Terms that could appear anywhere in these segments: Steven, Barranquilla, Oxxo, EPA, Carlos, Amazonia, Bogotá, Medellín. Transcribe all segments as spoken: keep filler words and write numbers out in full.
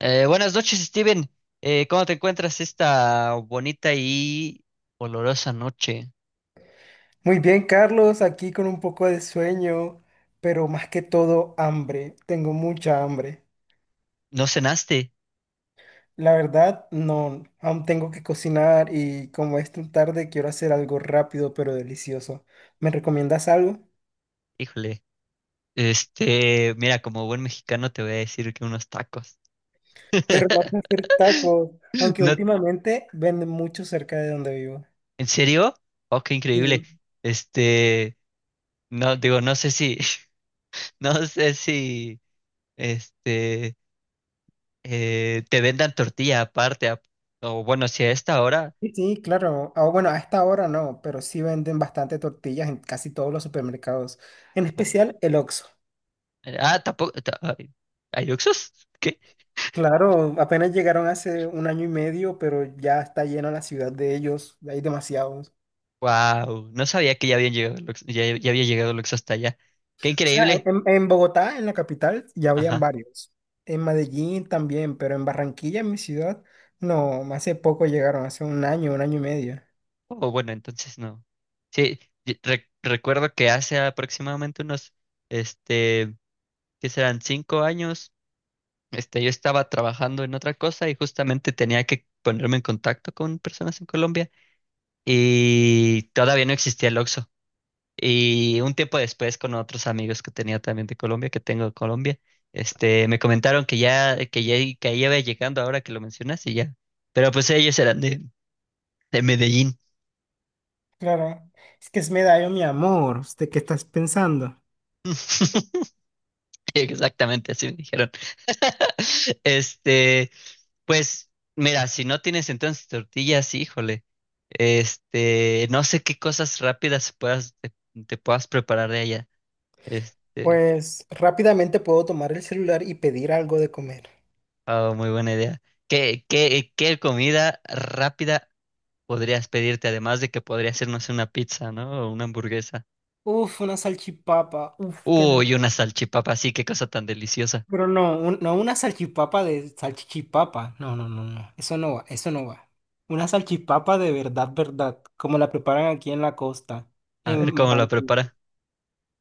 Eh, buenas noches, Steven. Eh, ¿cómo te encuentras esta bonita y olorosa noche? Muy bien, Carlos, aquí con un poco de sueño, pero más que todo hambre. Tengo mucha hambre. ¿No cenaste? La verdad, no, aún tengo que cocinar y como es tan tarde, quiero hacer algo rápido pero delicioso. ¿Me recomiendas algo? Híjole. Este, mira, como buen mexicano te voy a decir que unos tacos. Pero no sé hacer tacos, aunque No, últimamente venden mucho cerca de donde vivo. ¿en serio? Oh, qué Sí, increíble. Este, no, digo, no sé si, no sé si, este, eh, te vendan tortilla aparte, ap- o bueno, si a esta hora. sí, sí, claro. Ah, bueno, a esta hora no, pero sí venden bastante tortillas en casi todos los supermercados, en No. especial el Oxxo. eh, Ah, tampoco. Ta- ay, ¿hay Oxxos? Claro, apenas llegaron hace un año y medio, pero ya está llena la ciudad de ellos, hay demasiados. Wow, no sabía que ya habían llegado Lux- ya, ya había llegado Lux hasta allá. O Qué sea, increíble. en, en Bogotá, en la capital, ya habían Ajá. varios. En Medellín también, pero en Barranquilla, en mi ciudad, no, hace poco llegaron, hace un año, un año y medio. Oh, bueno, entonces no. Sí, y re- recuerdo que hace aproximadamente unos, este, ¿qué serán? Cinco años, este, yo estaba trabajando en otra cosa y justamente tenía que ponerme en contacto con personas en Colombia y todavía no existía el Oxxo. Y un tiempo después, con otros amigos que tenía también de Colombia, que tengo de Colombia, este, me comentaron que ya, que ya, que ahí iba llegando ahora que lo mencionas y ya. Pero pues ellos eran de, de Medellín. Claro, es que es Medallo, mi amor, ¿usted qué estás pensando? Exactamente, así me dijeron. Este, pues, Mira, si no tienes entonces tortillas, híjole, este, no sé qué cosas rápidas puedas, te, te puedas preparar de allá. Este, Pues rápidamente puedo tomar el celular y pedir algo de comer. ah, muy buena idea. ¿Qué, qué, ¿qué comida rápida podrías pedirte, además de que podría hacernos una pizza, ¿no? O una hamburguesa. Uf, una salchipapa, uf, qué Uy, una salchipapa, sí, qué cosa tan deliciosa. Pero no, un- no una salchipapa de salchichipapa. No, no, no, no. Eso no va, eso no va. Una salchipapa de verdad, verdad, como la preparan aquí en la costa, A ver en cómo la Barranquilla. prepara.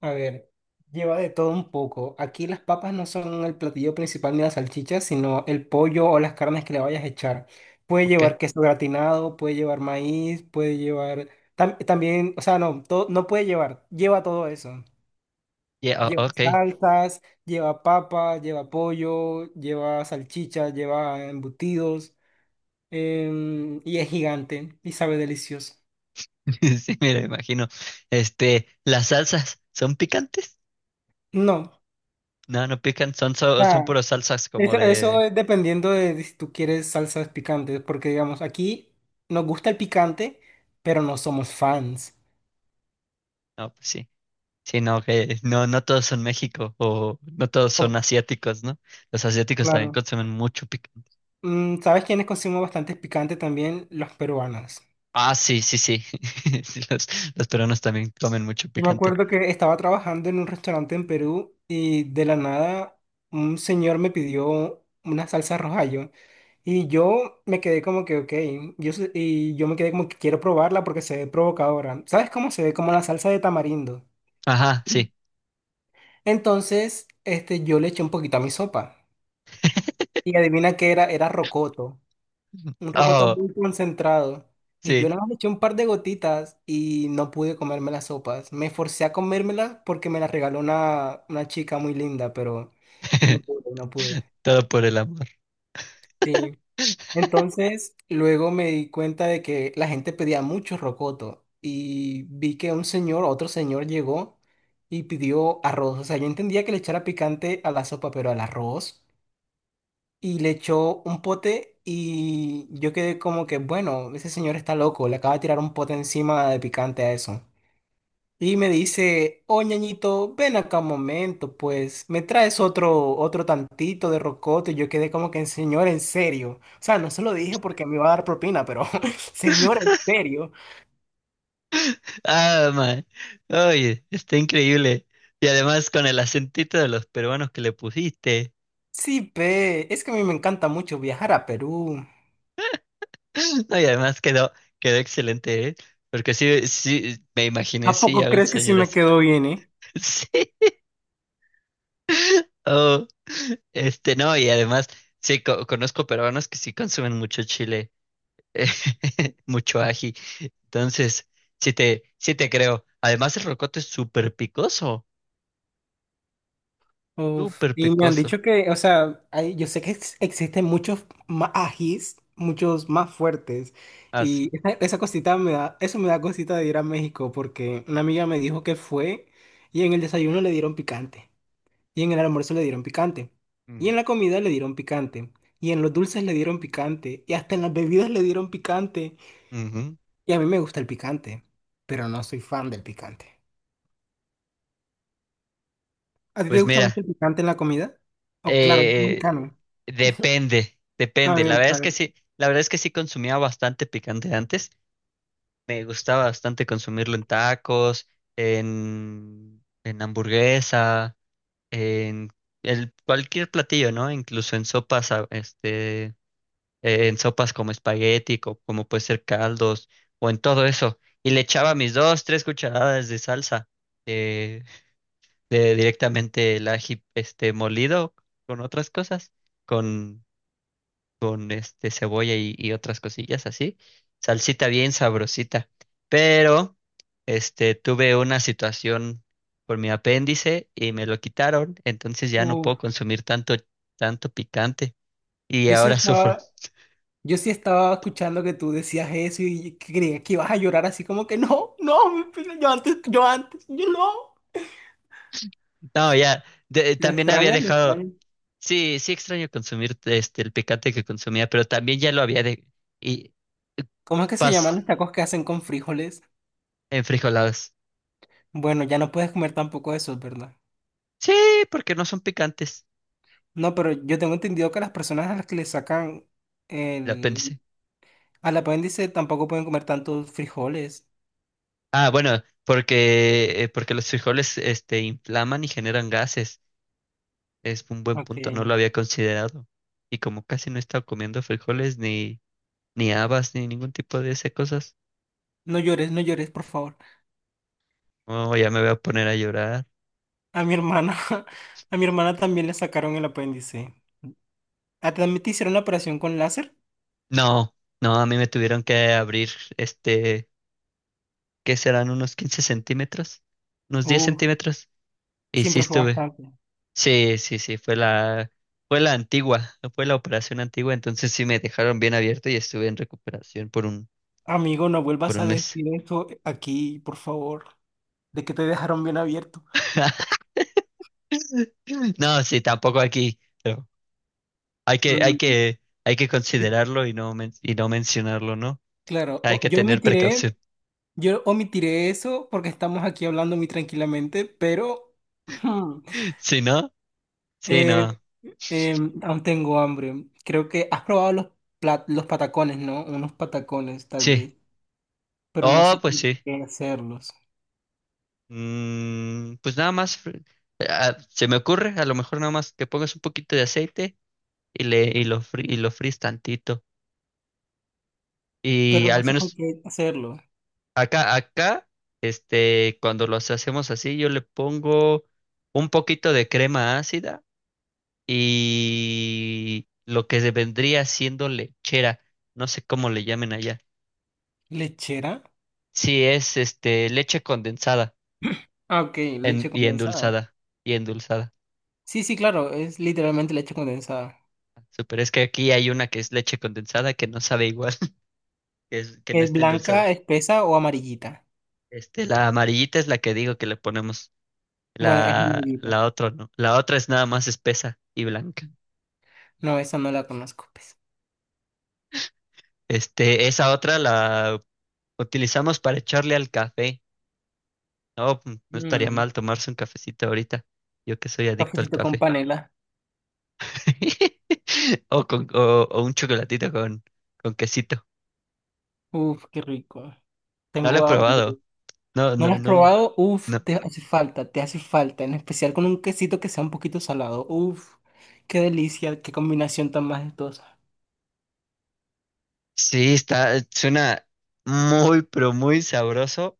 A ver, lleva de todo un poco. Aquí las papas no son el platillo principal ni las salchichas, sino el pollo o las carnes que le vayas a echar. Puede Ok. llevar queso gratinado, puede llevar maíz, puede llevar… tam- también, o sea, no, todo, no puede llevar. Lleva todo eso. Yeah, o- Lleva ok. salsas, lleva papa, lleva pollo, lleva salchicha, lleva embutidos, em, y es gigante y sabe delicioso. Sí, me la imagino. Este, las salsas, ¿son picantes? No, No, no pican, son, so- son ah, puras salsas como eso, eso de. es dependiendo de, de si tú quieres salsas picantes, porque digamos, aquí nos gusta el picante, pero no somos fans. No, pues sí. Sí, no, que no, no todos son México o no todos Oh, son asiáticos, ¿no? Los asiáticos también claro. consumen mucho picante. Mm, ¿sabes quiénes consumen bastante picante también? Los peruanos. Ah, sí, sí, sí. Sí, los, los peruanos también comen mucho Yo me picante. acuerdo que estaba trabajando en un restaurante en Perú y de la nada un señor me pidió una salsa rojayo y yo me quedé como que, ok, yo, sé- y yo me quedé como que quiero probarla porque se ve provocadora. ¿Sabes cómo se ve? Como la salsa de tamarindo. Ajá, sí. Entonces, este, yo le eché un poquito a mi sopa y adivina qué era, era rocoto. Un rocotón Oh, muy concentrado. Y yo sí. nada más le eché un par de gotitas y no pude comerme las sopas. Me forcé a comérmelas porque me las regaló una, una chica muy linda, pero no pude, no pude. Todo por el amor. Sí. Entonces, luego me di cuenta de que la gente pedía mucho rocoto y vi que un señor, otro señor llegó y pidió arroz. O sea, yo entendía que le echara picante a la sopa, pero al arroz. Y le echó un pote y yo quedé como que, bueno, ese señor está loco, le acaba de tirar un pote encima de picante a eso. Y me dice, oh ñañito, ven acá un momento, pues, me traes otro, otro tantito de rocoto. Y yo quedé como que, señor, en serio. O sea, no se lo dije porque me iba a dar propina, pero, señor, en serio. Ah, man. Oye, está increíble. Y además con el acentito de los peruanos que le pusiste. Sí, pe, es que a mí me encanta mucho viajar a Perú. No, y además quedó, quedó excelente, ¿eh? Porque sí, sí, me imaginé, ¿A sí, poco a un crees que sí señor me así. quedó bien, eh? Sí. Oh, este, no, y además, sí, co- conozco peruanos que sí consumen mucho chile, mucho ají. Entonces, sí te, sí te creo. Además, el rocoto es súper picoso. Uf, Súper y me han pecoso. dicho que, o sea, hay- yo sé que ex- existen muchos más ajís, muchos más fuertes. Ah, sí. Y esa, esa cosita me da, eso me da cosita de ir a México porque una amiga me dijo que fue y en el desayuno le dieron picante. Y en el almuerzo le dieron picante. Y Mm, en la comida le dieron picante. Y en los dulces le dieron picante. Y hasta en las bebidas le dieron picante. ujú. Y a mí me gusta el picante, pero no soy fan del picante. ¿A ti te Pues gusta mucho mira, el picante en la comida? Oh, claro, es eh, mexicano. depende, A depende. La ver, verdad a es que ver. sí, la verdad es que sí consumía bastante picante antes. Me gustaba bastante consumirlo en tacos, en, en hamburguesa, en el, cualquier platillo, ¿no? Incluso en sopas, a- este, eh, en sopas como espagueti, co- como puede ser caldos, o en todo eso. Y le echaba mis dos, tres cucharadas de salsa. eh, eh, Directamente el ají este molido con otras cosas, con, con este cebolla y, y otras cosillas así. Salsita bien sabrosita. Pero este tuve una situación con mi apéndice y me lo quitaron, entonces ya no Uh, puedo consumir tanto tanto picante y yo sí ahora sufro. estaba, yo sí estaba escuchando que tú decías eso y creía que ibas a llorar así como que no, no, mi pila, yo antes, yo antes, yo no. No, ya de- Lo también había extrañas, lo dejado. extrañas. Sí, sí extraño consumir este el picante que consumía, pero también ya lo había de y ¿Cómo es que se llaman paz los tacos que hacen con frijoles? en frijoladas. Bueno, ya no puedes comer tampoco eso, ¿verdad? Sí, porque no son picantes. No, pero yo tengo entendido que las personas a las que le sacan El el, apéndice. al apéndice tampoco pueden comer tantos frijoles. Ah, bueno, porque, eh, porque los frijoles, este, inflaman y generan gases. Es un buen punto, no lo Ok. había considerado. Y como casi no he estado comiendo frijoles, ni, ni habas, ni ningún tipo de esas cosas. No llores, no llores, por favor. Oh, ya me voy a poner a llorar. A mi hermana, a mi hermana también le sacaron el apéndice. ¿A ti también te hicieron una operación con láser? No, no, a mí me tuvieron que abrir, este, ¿qué serán? Unos quince centímetros, unos diez Uh, centímetros. Y sí siempre fue estuve. bastante. Sí, sí, sí, fue la, fue la antigua, fue la operación antigua, entonces sí me dejaron bien abierto y estuve en recuperación por un, Amigo, no por vuelvas un a mes. decir esto aquí, por favor, de que te dejaron bien abierto. No, sí, tampoco aquí, pero hay que, hay Mm, que, hay que sí, considerarlo y no, men- y no mencionarlo, ¿no? claro, Hay o- que yo tener omitiré, precaución. yo omitiré eso porque estamos aquí hablando muy tranquilamente, pero hmm, Si no, sí, eh, no, em, aún tengo hambre. Creo que has probado los, plat- los patacones, ¿no? Unos patacones, tal sí. vez, pero no Oh, sé pues con sí. qué hacerlos. Mm, pues nada más, fr- ah, se me ocurre, a lo mejor nada más que pongas un poquito de aceite y le, y lo, fri- y lo fríes tantito. Y Pero no al sé con menos qué hacerlo. Acá, acá, este, cuando los hacemos así, yo le pongo un poquito de crema ácida y lo que se vendría siendo lechera, no sé cómo le llamen allá. ¿Lechera? Sí, es este leche condensada Ah, ok, en- leche y condensada. endulzada y endulzada. Sí, sí, claro, es literalmente leche condensada. Super, es que aquí hay una que es leche condensada que no sabe igual, que es, que no ¿Es está endulzada. blanca, espesa o amarillita? Este, la amarillita es la que digo que le ponemos. Bueno, es La, amarillita. La otra no. La otra es nada más espesa y blanca. No, esa no la conozco, pues. Este, esa otra la utilizamos para echarle al café. No, mm, no estaría Mm, mal tomarse un cafecito ahorita. Yo que soy adicto al cafecito con café. panela. O con, o, o un chocolatito con, con quesito. Uf, qué rico. No lo he Tengo hambre. probado. No, ¿No lo no, has no, l- probado? Uf, no. te hace falta, te hace falta. En especial con un quesito que sea un poquito salado. Uf, qué delicia, qué combinación tan majestuosa. Sí, está, eh, suena muy, pero muy sabroso.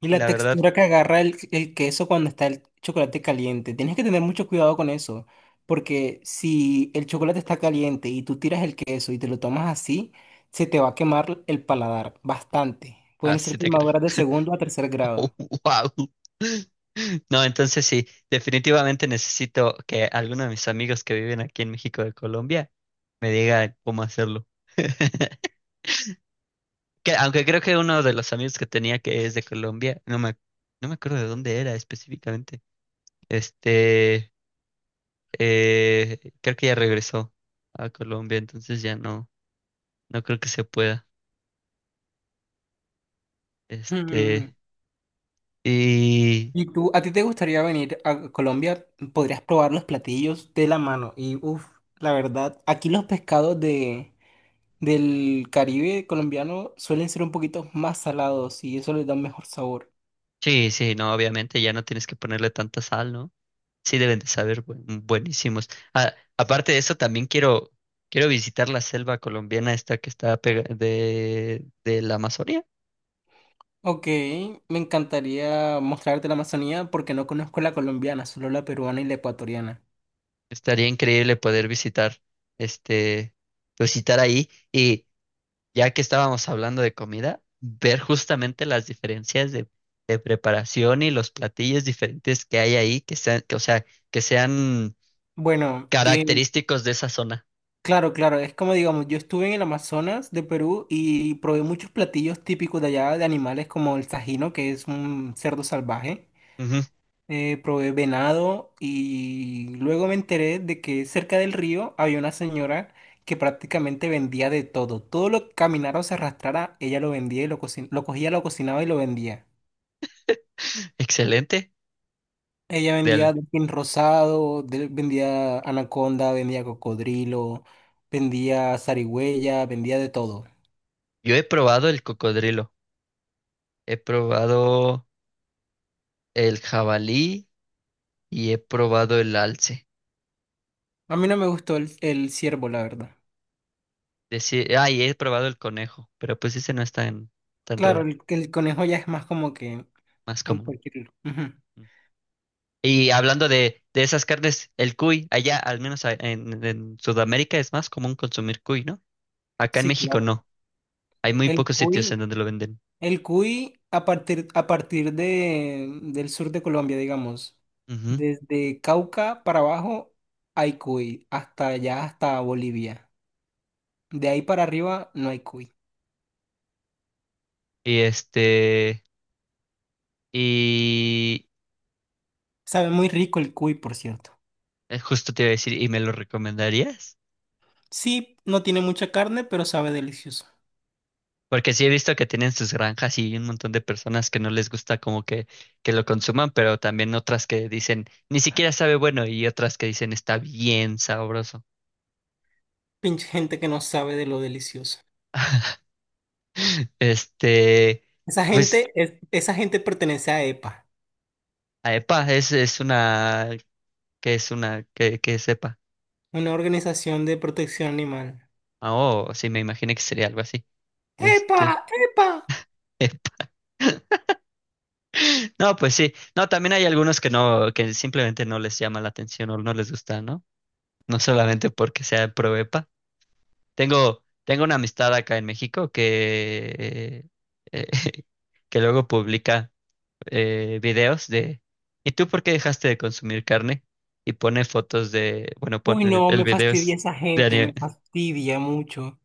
Y la La verdad, textura que agarra el, el queso cuando está el chocolate caliente. Tienes que tener mucho cuidado con eso, porque si el chocolate está caliente y tú tiras el queso y te lo tomas así, se te va a quemar el paladar bastante. Pueden ser así te creo. quemaduras de segundo a tercer grado. Wow. No, entonces sí, definitivamente necesito que alguno de mis amigos que viven aquí en México de Colombia me diga cómo hacerlo. Que, aunque creo que uno de los amigos que tenía que es de Colombia, no me, no me acuerdo de dónde era específicamente. Este, eh, Creo que ya regresó a Colombia, entonces ya no, no creo que se pueda. Este, Mm. y Y tú, ¿a ti te gustaría venir a Colombia? Podrías probar los platillos de la mano. Y uff, la verdad, aquí los pescados de, del Caribe colombiano suelen ser un poquito más salados y eso les da un mejor sabor. sí, sí, no, obviamente ya no tienes que ponerle tanta sal, ¿no? Sí deben de saber bu- buenísimos. Ah, aparte de eso, también quiero, quiero visitar la selva colombiana esta que está pega- de, de la Amazonia. Ok, me encantaría mostrarte la Amazonía porque no conozco la colombiana, solo la peruana y la ecuatoriana. Estaría increíble poder visitar, este, pues, visitar ahí y ya que estábamos hablando de comida, ver justamente las diferencias de, de preparación y los platillos diferentes que hay ahí, que sean, que, o sea, que sean Bueno, eh, característicos de esa zona. claro, claro, es como digamos, yo estuve en el Amazonas de Perú y probé muchos platillos típicos de allá de animales como el sajino, que es un cerdo salvaje. Ujú. Eh, probé venado y luego me enteré de que cerca del río había una señora que prácticamente vendía de todo. Todo lo que caminara o se arrastrara, ella lo vendía y lo, cocin- lo cogía, lo cocinaba y lo vendía. Excelente. Ella vendía Del- delfín rosado, del- vendía anaconda, vendía cocodrilo, vendía zarigüeya, vendía de todo. yo he probado el cocodrilo, he probado el jabalí y he probado el alce. A mí no me gustó el, el ciervo, la verdad. Deci- ah, y he probado el conejo, pero pues ese no es tan, tan Claro, raro, el, el conejo ya es más como que más en común. cualquier… lugar. Ujú. Y hablando de, de esas carnes, el cuy, allá, al menos a- en, en Sudamérica, es más común consumir cuy, ¿no? Acá en Sí, México claro. no. Hay muy El pocos sitios en cuy, donde lo venden. el cuy a partir, a partir de, del sur de Colombia, digamos, Ujú. desde Cauca para abajo hay cuy, hasta allá, hasta Bolivia. De ahí para arriba no hay cuy. Y este, y Sabe muy rico el cuy, por cierto. Eh, justo te iba a decir, ¿y me lo recomendarías? Sí, no tiene mucha carne, pero sabe delicioso. Porque sí he visto que tienen sus granjas y un montón de personas que no les gusta como que, que lo consuman, pero también otras que dicen, ni siquiera sabe bueno, y otras que dicen, está bien sabroso. Pinche gente que no sabe de lo delicioso. Este, Esa pues... gente, es- esa gente pertenece a EPA, Aepa, es, es una que es una, que, que sepa. una organización de protección animal. Ah, oh, sí, me imaginé que sería algo así. ¡EPA! Este, ¡EPA! no, pues sí. No, también hay algunos que no, que simplemente no les llama la atención o no les gusta, ¿no? No solamente porque sea proepa. Tengo, tengo una amistad acá en México que, eh, que luego publica eh, videos de ¿y tú por qué dejaste de consumir carne? Y pone fotos de, bueno, pone, Uy, el no, el me video fastidia es esa de gente, me anime. fastidia mucho.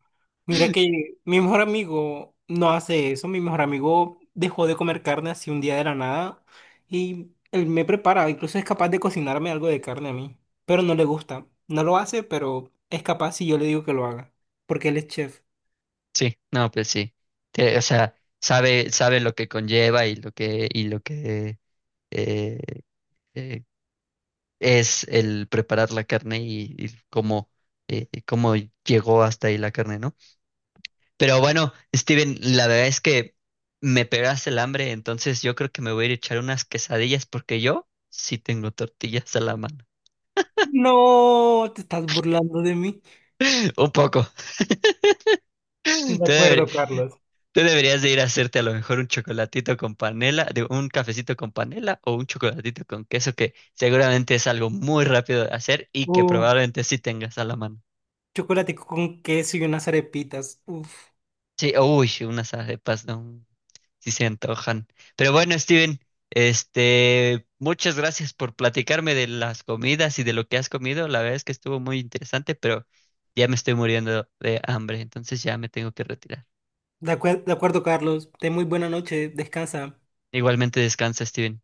Mira que mi mejor amigo no hace eso, mi mejor amigo dejó de comer carne así un día de la nada y él me prepara, incluso es capaz de cocinarme algo de carne a mí, pero no le gusta, no lo hace, pero es capaz si yo le digo que lo haga, porque él es chef. Sí, no, pues sí. Te- o sea, Sabe, sabe lo que conlleva y lo que, y lo que eh, eh, es el preparar la carne y, y cómo, eh, y cómo llegó hasta ahí la carne, ¿no? Pero bueno, Steven, la verdad es que me pegaste el hambre, entonces yo creo que me voy a ir a echar unas quesadillas porque yo sí tengo tortillas a la mano. No, te estás burlando de mí. Un poco. De Entonces, acuerdo, Carlos. tú deberías de ir a hacerte a lo mejor un chocolatito con panela, digo, un cafecito con panela o un chocolatito con queso, que seguramente es algo muy rápido de hacer y que Uf, probablemente sí tengas a la mano. chocolate con queso y unas arepitas. Uf. Sí, uy, unas arepas, no, sí se antojan. Pero bueno, Steven, este, muchas gracias por platicarme de las comidas y de lo que has comido. La verdad es que estuvo muy interesante, pero ya me estoy muriendo de hambre, entonces ya me tengo que retirar. De acuer- de acuerdo, Carlos. Ten muy buena noche. Descansa. Igualmente descansa, Steven.